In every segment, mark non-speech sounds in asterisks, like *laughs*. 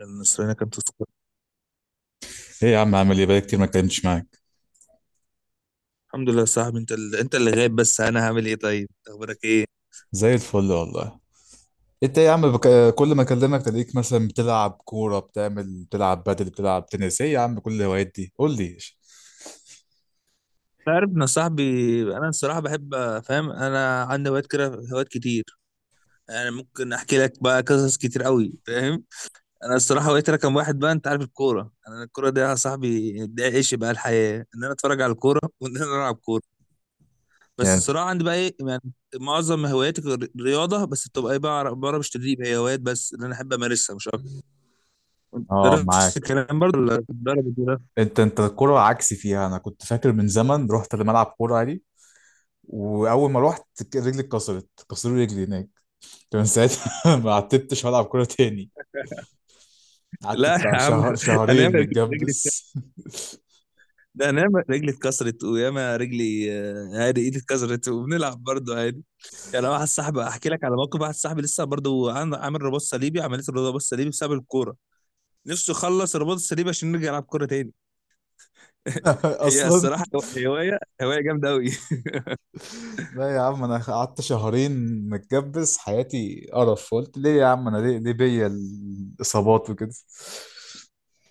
النصرانية كانت تذكر. ايه يا عم، عامل ايه؟ بقالي كتير ما اتكلمتش معاك. الحمد لله يا صاحبي، انت اللي غايب، بس انا هعمل ايه؟ طيب اخبارك ايه؟ زي الفل والله. انت إيه يا عم كل ما اكلمك تلاقيك مثلا بتلعب كوره، بتلعب بدل، بتلعب تنس. ايه يا عم كل الهوايات دي؟ قول لي. انت عارف ان صاحبي انا الصراحه بحب، فاهم؟ انا عندي هوايات كده، هوايات كتير. انا ممكن احكي لك بقى قصص كتير قوي، فاهم. انا الصراحه هوايتي رقم واحد بقى، انت عارف الكوره؟ انا الكوره دي يا صاحبي ده عيش بقى الحياه، ان انا اتفرج على الكوره *laughs* وان انا العب كوره. بس يعني، الصراحه عندي بقى ايه يعني، معظم هواياتي رياضه، بس بتبقى ايه بقى، بعرف مش تدريب، هي هوايات بس اللي انا احب امارسها مش اكتر. انت اه نفس معاك. الكلام برضه ولا بتدرب؟ انت الكوره عكسي فيها. انا كنت فاكر من زمن رحت لملعب كوره عادي، واول ما رحت رجلي اتكسرت، كسروا رجلي هناك. كان ساعتها *laughs* ما عتبتش والعب كوره تاني. قعدت لا يا بتاع عم، شهر انا شهرين ياما رجلي متجبس. ده انا ياما رجلي اتكسرت وياما رجلي عادي، ايدي اتكسرت وبنلعب برضه عادي. يعني أنا واحد صاحبي احكي لك على موقف، واحد صاحبي لسه برضه عامل رباط صليبي، عمليه الرباط الصليبي بسبب الكوره، نفسه يخلص الرباط الصليبي عشان نرجع نلعب كوره تاني. *laughs* *laughs* هي اصلا. الصراحه هوايه جامده قوي. *laughs* لا يا عم، انا قعدت شهرين متجبس حياتي قرف. قلت ليه يا عم انا؟ ليه بيا الاصابات وكده.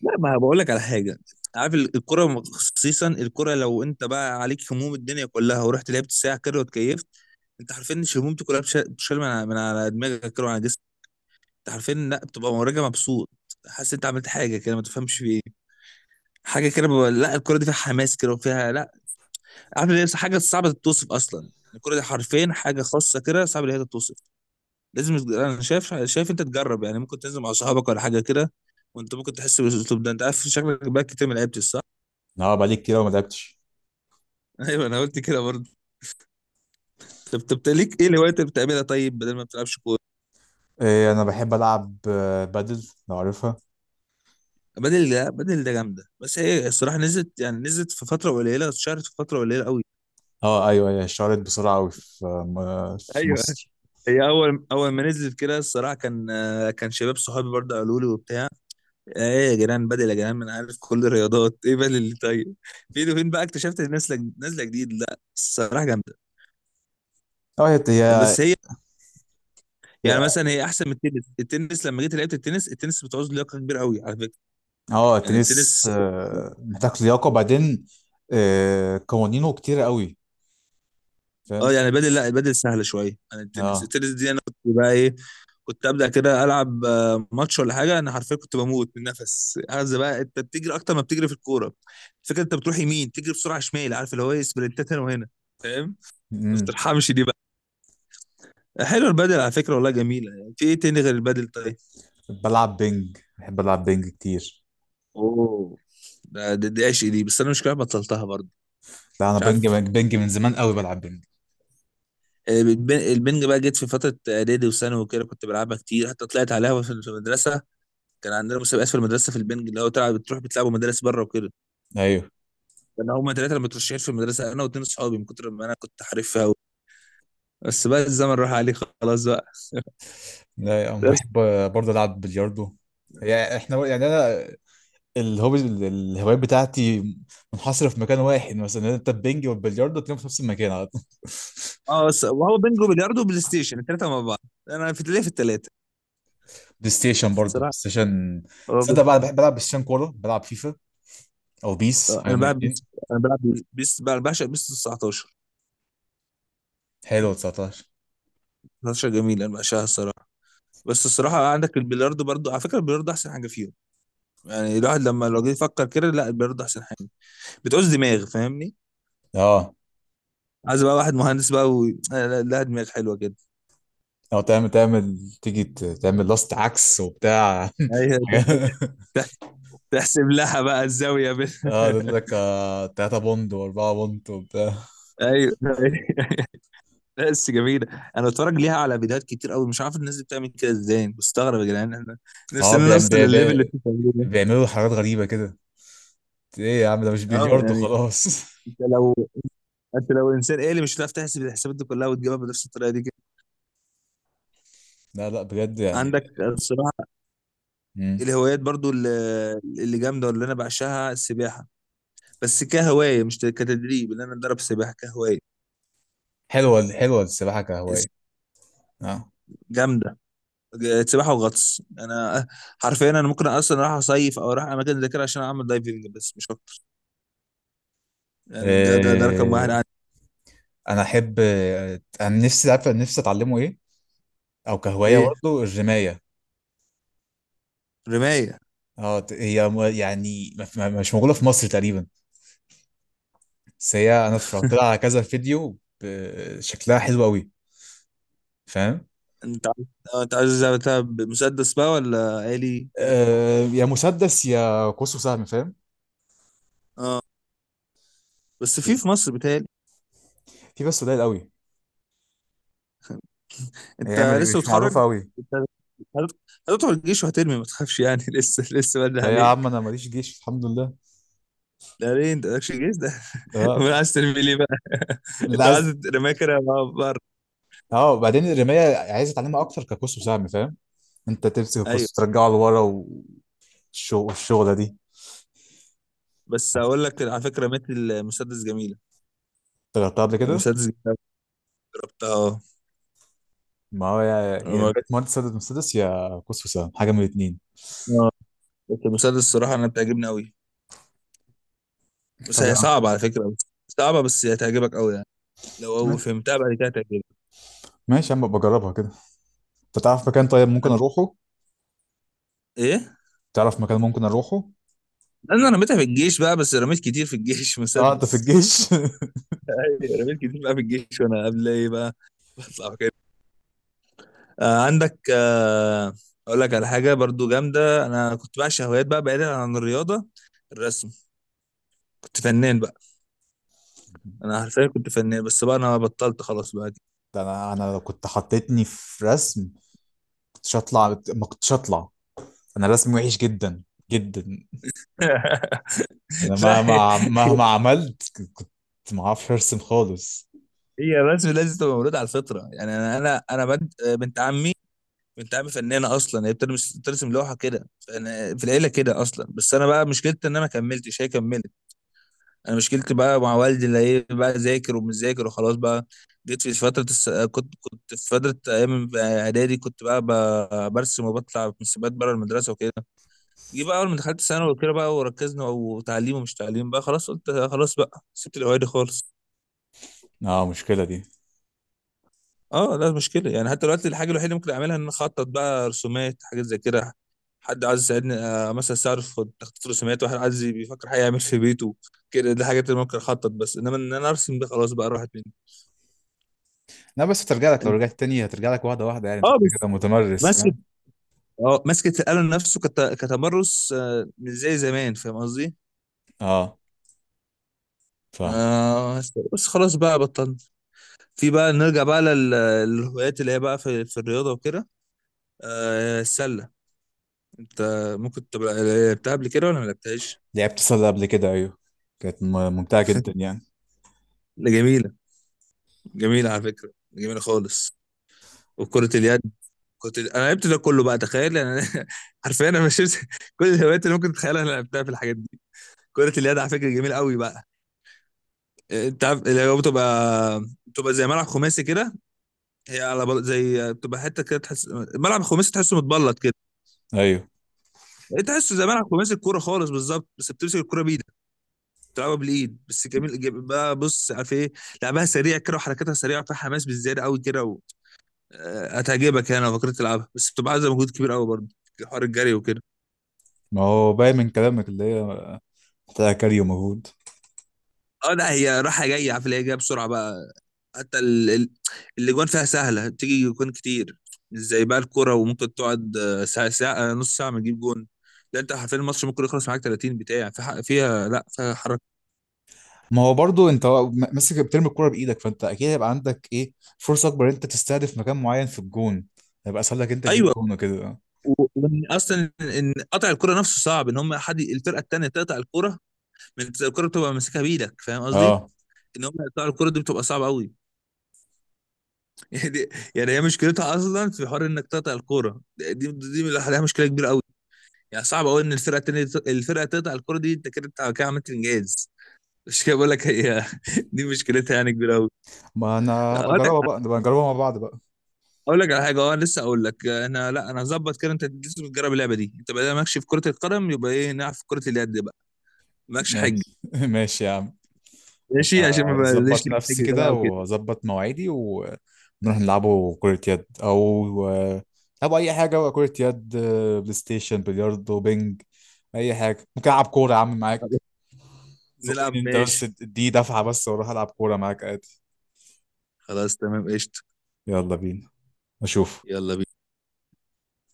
لا ما بقول لك على حاجه، عارف الكرة، خصيصا الكرة، لو انت بقى عليك هموم الدنيا كلها، ورحت لعبت ساعة كده، واتكيفت. انت حرفيا مش همومتي كلها بتشال من على من على دماغك كده وعلى جسمك. عارفين؟ لا، بتبقى مراجع مبسوط، حاسس انت عملت حاجه كده ما تفهمش في ايه. حاجه كده لا الكوره دي فيها حماس كده وفيها، لا، عارف ليه، حاجه صعبه تتوصف اصلا. يعني الكوره دي حرفين حاجه خاصه كده، صعب ان هي تتوصف. انا شايف انت تجرب، يعني ممكن تنزل مع صحابك ولا حاجه كده، وانت ممكن تحس بالاسلوب ده. انت عارف شكلك بقى كتير ما لعبتش، صح؟ اه بقالي كتير أوي ما لعبتش. *laughs* ايوه، انا قلت كده برضه. طب ليك ايه الهوايات اللي بتعملها طيب، بدل ما بتلعبش كوره؟ إيه، انا بحب العب بادل لو عارفها. بدل ده، بدل ده جامده، بس هي الصراحه نزلت، يعني نزلت في فتره قليله، اتشهرت في فتره قليله قوي. اه ايوه، هي اشتهرت بسرعه قوي في ايوه، مصر. هي اول ما نزلت كده الصراحه كان، كان شباب صحابي برضه قالوا لي وبتاع، ايه يا جيران بدل؟ يا جيران، ما انا عارف كل الرياضات، ايه بدل اللي طيب؟ فين وفين بقى اكتشفت إن نازله جديد، لا الصراحه جامده. اه هي بس هي يعني هي مثلا هي احسن من التنس. التنس لما جيت لعبت التنس، التنس بتعوز لياقه كبيره قوي على فكره. اه يعني التنس التنس، محتاج لياقه، وبعدين قوانينه كتير قوي. اه فاهم. يعني بدل، لا بدل سهله شويه عن التنس. اه التنس دي انا كنت بقى ايه، كنت ابدا كده العب ماتش ولا حاجه، انا حرفيا كنت بموت من النفس، عايز بقى، انت بتجري اكتر ما بتجري في الكوره. الفكره انت بتروح يمين تجري بسرعه شمال، عارف اللي هو ايه، سبرنتات هنا وهنا، فاهم؟ ما امم بترحمش دي بقى. حلو البدل على فكره، والله جميله، يعني في ايه تاني غير البدل طيب؟ بلعب بينج، بحب العب بينج كتير. اوه، دي عشق دي، بس انا مش كده بطلتها برضه. لا انا مش بينج عارف، بينج من زمان قوي بلعب بينج. البنج بقى جيت في فتره اعدادي وثانوي وكده، كنت بلعبها كتير، حتى طلعت عليها في في المدرسه. كان عندنا مسابقات في المدرسه في البنج، اللي هو تلعب بتروح بتلعبوا مدارس بره وكده. ايوه. انا هما ثلاثه اللي مترشحين في المدرسه، انا واتنين صحابي، من كتر ما انا كنت حريفها قوي. بس بقى الزمن راح عليه خلاص بقى. *laughs* لا انا بس، بحب برضه العب بلياردو. يعني احنا يعني انا الهوبي، الهوايات بتاعتي منحصره في مكان واحد، مثلا انت البينج والبلياردو تلاقيهم في نفس المكان على طول اه *laughs* بس وهو بينجو بلياردو وبلاي ستيشن الثلاثه مع بعض. انا في ليه في الثلاثه بلاي الصراحه، ستيشن. هو تصدق بي- بقى أنا بحب العب بلاي ستيشن كوره، بلعب فيفا او بيس حاجه انا من بلعب بيس، الاتنين. انا بلعب بيس بقى، بعشق بيس 19. حلو 19. 19 جميل، انا بعشقها الصراحه. بس الصراحه عندك البلياردو برضو على فكره، البلياردو احسن حاجه فيهم. يعني الواحد لما لو جه يفكر كده، لا البلياردو احسن حاجه، بتعوز دماغ، فاهمني؟ اه. عايز بقى واحد مهندس بقى و... لا دماغ حلوه كده. او تعمل تيجي تعمل لاست عكس وبتاع *laughs* أيوة، حاجات- تحسب لها بقى الزاوية بين. اه، يقول لك 3 بوند و4 بوند وبتاع. *laughs* أيوه. *laughs* لا بس جميلة. أنا باتفرج ليها على فيديوهات كتير أوي، مش عارف الناس دي بتعمل كده إزاي، بستغرب يا جدعان، إحنا اه نفسنا نوصل للليفل اللي أنتوا بتعملوه ده. بيعملوا حاجات غريبة كده. ايه يا عم، ده مش أه بلياردو يعني، خلاص *laughs* أنت لو أنت لو إنسان آلي مش هتعرف تحسب الحسابات دي كلها وتجيبها بنفس الطريقة دي كده. لا لا بجد يعني. عندك الصراحة مم. الهوايات برضو اللي جامدة، واللي أنا بعشقها السباحة، بس كهواية مش كتدريب إن أنا أتدرب سباحة كهواية. حلوة حلوة السباحة كهواية. اه. جامدة، سباحه وغطس. انا حرفيا انا ممكن اصلا اروح اصيف او اروح اماكن زي كده عشان اعمل دايفنج، بس مش اكتر. يعني ده رقم واحد إيه، عندي. انا احب انا نفسي، عارف نفسي اتعلمه ايه؟ او كهواية ايه؟ برضه الرماية. رمايه؟ اه هي يعني مش موجودة في مصر تقريبا. بس هي انا اتفرجت لها على كذا فيديو، شكلها حلو قوي. فاهم. انت عايز، انت عايز زي بتاع مسدس بقى، ولا آلي كده؟ أه، يا مسدس يا قوس وسهم. فاهم. اه بس في في مصر بتهيألي. في بس قليل قوي. هي مش انت لسه مش معروفه متخرج، قوي. انت هت- هتدخل الجيش وهترمي، ما تخافش يعني. *laughs* لسه لسه بدري لا يا عم، عليك. انا ماليش جيش الحمد لله. لا ليه انت مالكش جيش ده؟ *laughs* امال اه، عايز ترمي ليه بقى؟ *laughs* اللي انت عايز عايز. رمايه كده بره. اه، وبعدين الرمايه عايز اتعلمها اكتر كقوس وسهم، فاهم؟ انت تمسك ايوه، القوس وترجعه لورا، والشغله دي بس اقول لك على فكره، رميت المسدس جميل، اشتغلتها قبل كده. مسدس جناب برضه، اه. ما هو يا رماية أنا، مهندس سدد مسدس، يا قوس وسهم، حاجه من الاثنين. آه، بس المسدس الصراحة أنا بتعجبني أوي، بس طب يا هي عم، صعبة على فكرة، بس صعبة، بس هي هتعجبك أوي يعني، لو فهمتها بعد كده هتعجبك. ماشي يا عم بجربها كده. انت تعرف مكان طيب ممكن أنا، اروحه؟ إيه؟ تعرف مكان ممكن اروحه؟ أنا رميتها في الجيش بقى، بس رميت كتير في الجيش. *laughs* اه انت في مسدس. الجيش *laughs* أيوة، رميت كتير بقى في الجيش، وأنا قبل إيه بقى *laughs* بطلع كده. آه عندك، آه، أقول لك على حاجة برضو جامدة، أنا كنت بعشق هوايات بقى بعيدا عن الرياضة، الرسم، كنت فنان بقى. أنا حرفيا كنت فنان، بس بقى أنا بطلت خلاص بقى. ده انا لو كنت حطيتني في رسم، كنتش هطلع ما كنتش هطلع. انا رسمي وحش جدا، جدا. *laughs* انا لا مهما مهما عملت كنت، ما اعرفش ارسم خالص. هي بس لازم تبقى مولود على الفطره، يعني انا بنت عمي بنت عمي فنانه اصلا، هي بترسم، بترسم لوحه كده، فانا في العيله كده اصلا. بس انا بقى مشكلتي ان انا ما كملتش، هي كملت. انا مشكلتي بقى مع والدي، اللي ايه بقى، ذاكر ومش ذاكر، وخلاص بقى. جيت في فتره الس... كنت في فتره ايام اعدادي كنت بقى برسم وبطلع في مسابقات بره المدرسه وكده. جه بقى اول ما دخلت ثانوي وكده بقى، وركزنا، وتعليم ومش تعليم بقى، خلاص قلت خلاص بقى، سبت الاوعي دي خالص. اه مشكلة دي. اه لا مشكله يعني، حتى دلوقتي الحاجه الوحيده اللي ممكن اعملها ان أنا اخطط بقى رسومات، حاجات زي كده، حد عايز يساعدني مثلا استعرف في تخطيط رسومات، واحد عايز بيفكر حاجه يعمل في بيته كده، دي الحاجات اللي ممكن اخطط، بس انما ان انا ارسم ده خلاص بقى راحت مني. لا بس هترجع لك، لو انت، رجعت تاني هترجع لك واحدة واحدة، يعني انت اه كده بس كده متمرس ماسكه، فاهم. اه ماسكه القلم نفسه كت... كتمرس، مش زي زمان، فاهم قصدي؟ اه فاهم. آه بس خلاص بقى بطلنا. في بقى نرجع بقى للهوايات اللي هي بقى في الرياضه وكده. آه، السله انت ممكن تبقى لعبتها قبل كده ولا ما لعبتهاش؟ لعبت صيد قبل كده ايوه، كانت ممتعة جدا يعني. جميلة، جميلة على فكرة، جميلة خالص. وكرة اليد، كنت انا لعبت ده كله بقى، تخيل انا. *laughs* حرفيا انا مشيت، *laughs* كل الهوايات اللي ممكن تتخيلها انا لعبتها في الحاجات دي. كرة اليد على فكرة جميلة قوي بقى، انت عارف اللي هو بتبقى زي ملعب خماسي كده، هي على بل... زي بتبقى حتة كده تحس ملعب خماسي، تحسه متبلط كده. ايوه. يعني تحسه زي ملعب خماسي الكورة خالص بالظبط، بس بتمسك الكورة بإيدك، بتلعبها بالإيد. بس جميل جميل بقى، بص عارف ايه، لعبها سريع كده وحركاتها سريعة، فيها حماس بالزيادة قوي كده. هتعجبك يعني لو فكرت تلعبها، بس بتبقى عايزه مجهود كبير قوي برضه، حوار الجري وكده. ما هو باين من كلامك اللي هي محتاجة كاري ومجهود. اه لا هي رايحه جايه، عارف اللي هي جايه بسرعه بقى، حتى الاجوان فيها سهله، بتيجي جوان كتير، مش زي بقى الكوره وممكن تقعد ساعه، ساعه نص ساعه ما تجيب جون. لا انت حرفيا الماتش ممكن يخلص معاك 30 بتاع في فيها، لا فيها حركه. ما هو برضو انت ماسك بترمي الكرة بايدك، فانت اكيد هيبقى عندك ايه فرصة اكبر، انت تستهدف مكان معين في الجون، هيبقى اسهل لك انت تجيب ايوه، جون وكده. وان اصلا ان قطع الكره نفسه صعب، ان هم حد الفرقه التانيه تقطع الكره، من الكره بتبقى ماسكها بايدك، فاهم قصدي؟ اه. ان هم يقطعوا الكره دي بتبقى صعبه قوي. يعني يعني هي مشكلتها اصلا في حوار انك تقطع الكوره دي، دي لوحدها مشكله كبيره قوي. يعني صعب قوي ان الفرقه التانيه تقطع الكوره دي، انت كده كده عملت انجاز، مش كده بقول لك هي. *laughs* دي مشكلتها يعني كبيره قوي. ما انا هبقى اقول لك اجربها بقى، نبقى نجربها مع بعض بقى. اقول لك على حاجه، اه لسه اقول لك انا، لا انا هظبط كده، انت لسه بتجرب اللعبه دي، انت بقى مالكش في كره القدم، يبقى ايه، نلعب في كره اليد بقى، مالكش حاجه. ماشي *laughs* ماشي يا عم. مش، ماشي، عشان ما بقاش هظبط ليك نفسي حاجه كده بقى وكده. واظبط مواعيدي ونروح نلعبوا كرة يد، او او اي حاجة بقى، كرة يد بلاي ستيشن بلياردو بينج، اي حاجة ممكن العب كورة يا عم معاك. خلاص، زقني نلعب، انت بس، ماشي، اديني دفعة بس واروح العب كورة معاك عادي. خلاص، تمام قشطه. يلا بينا، اشوف. يلا بينا.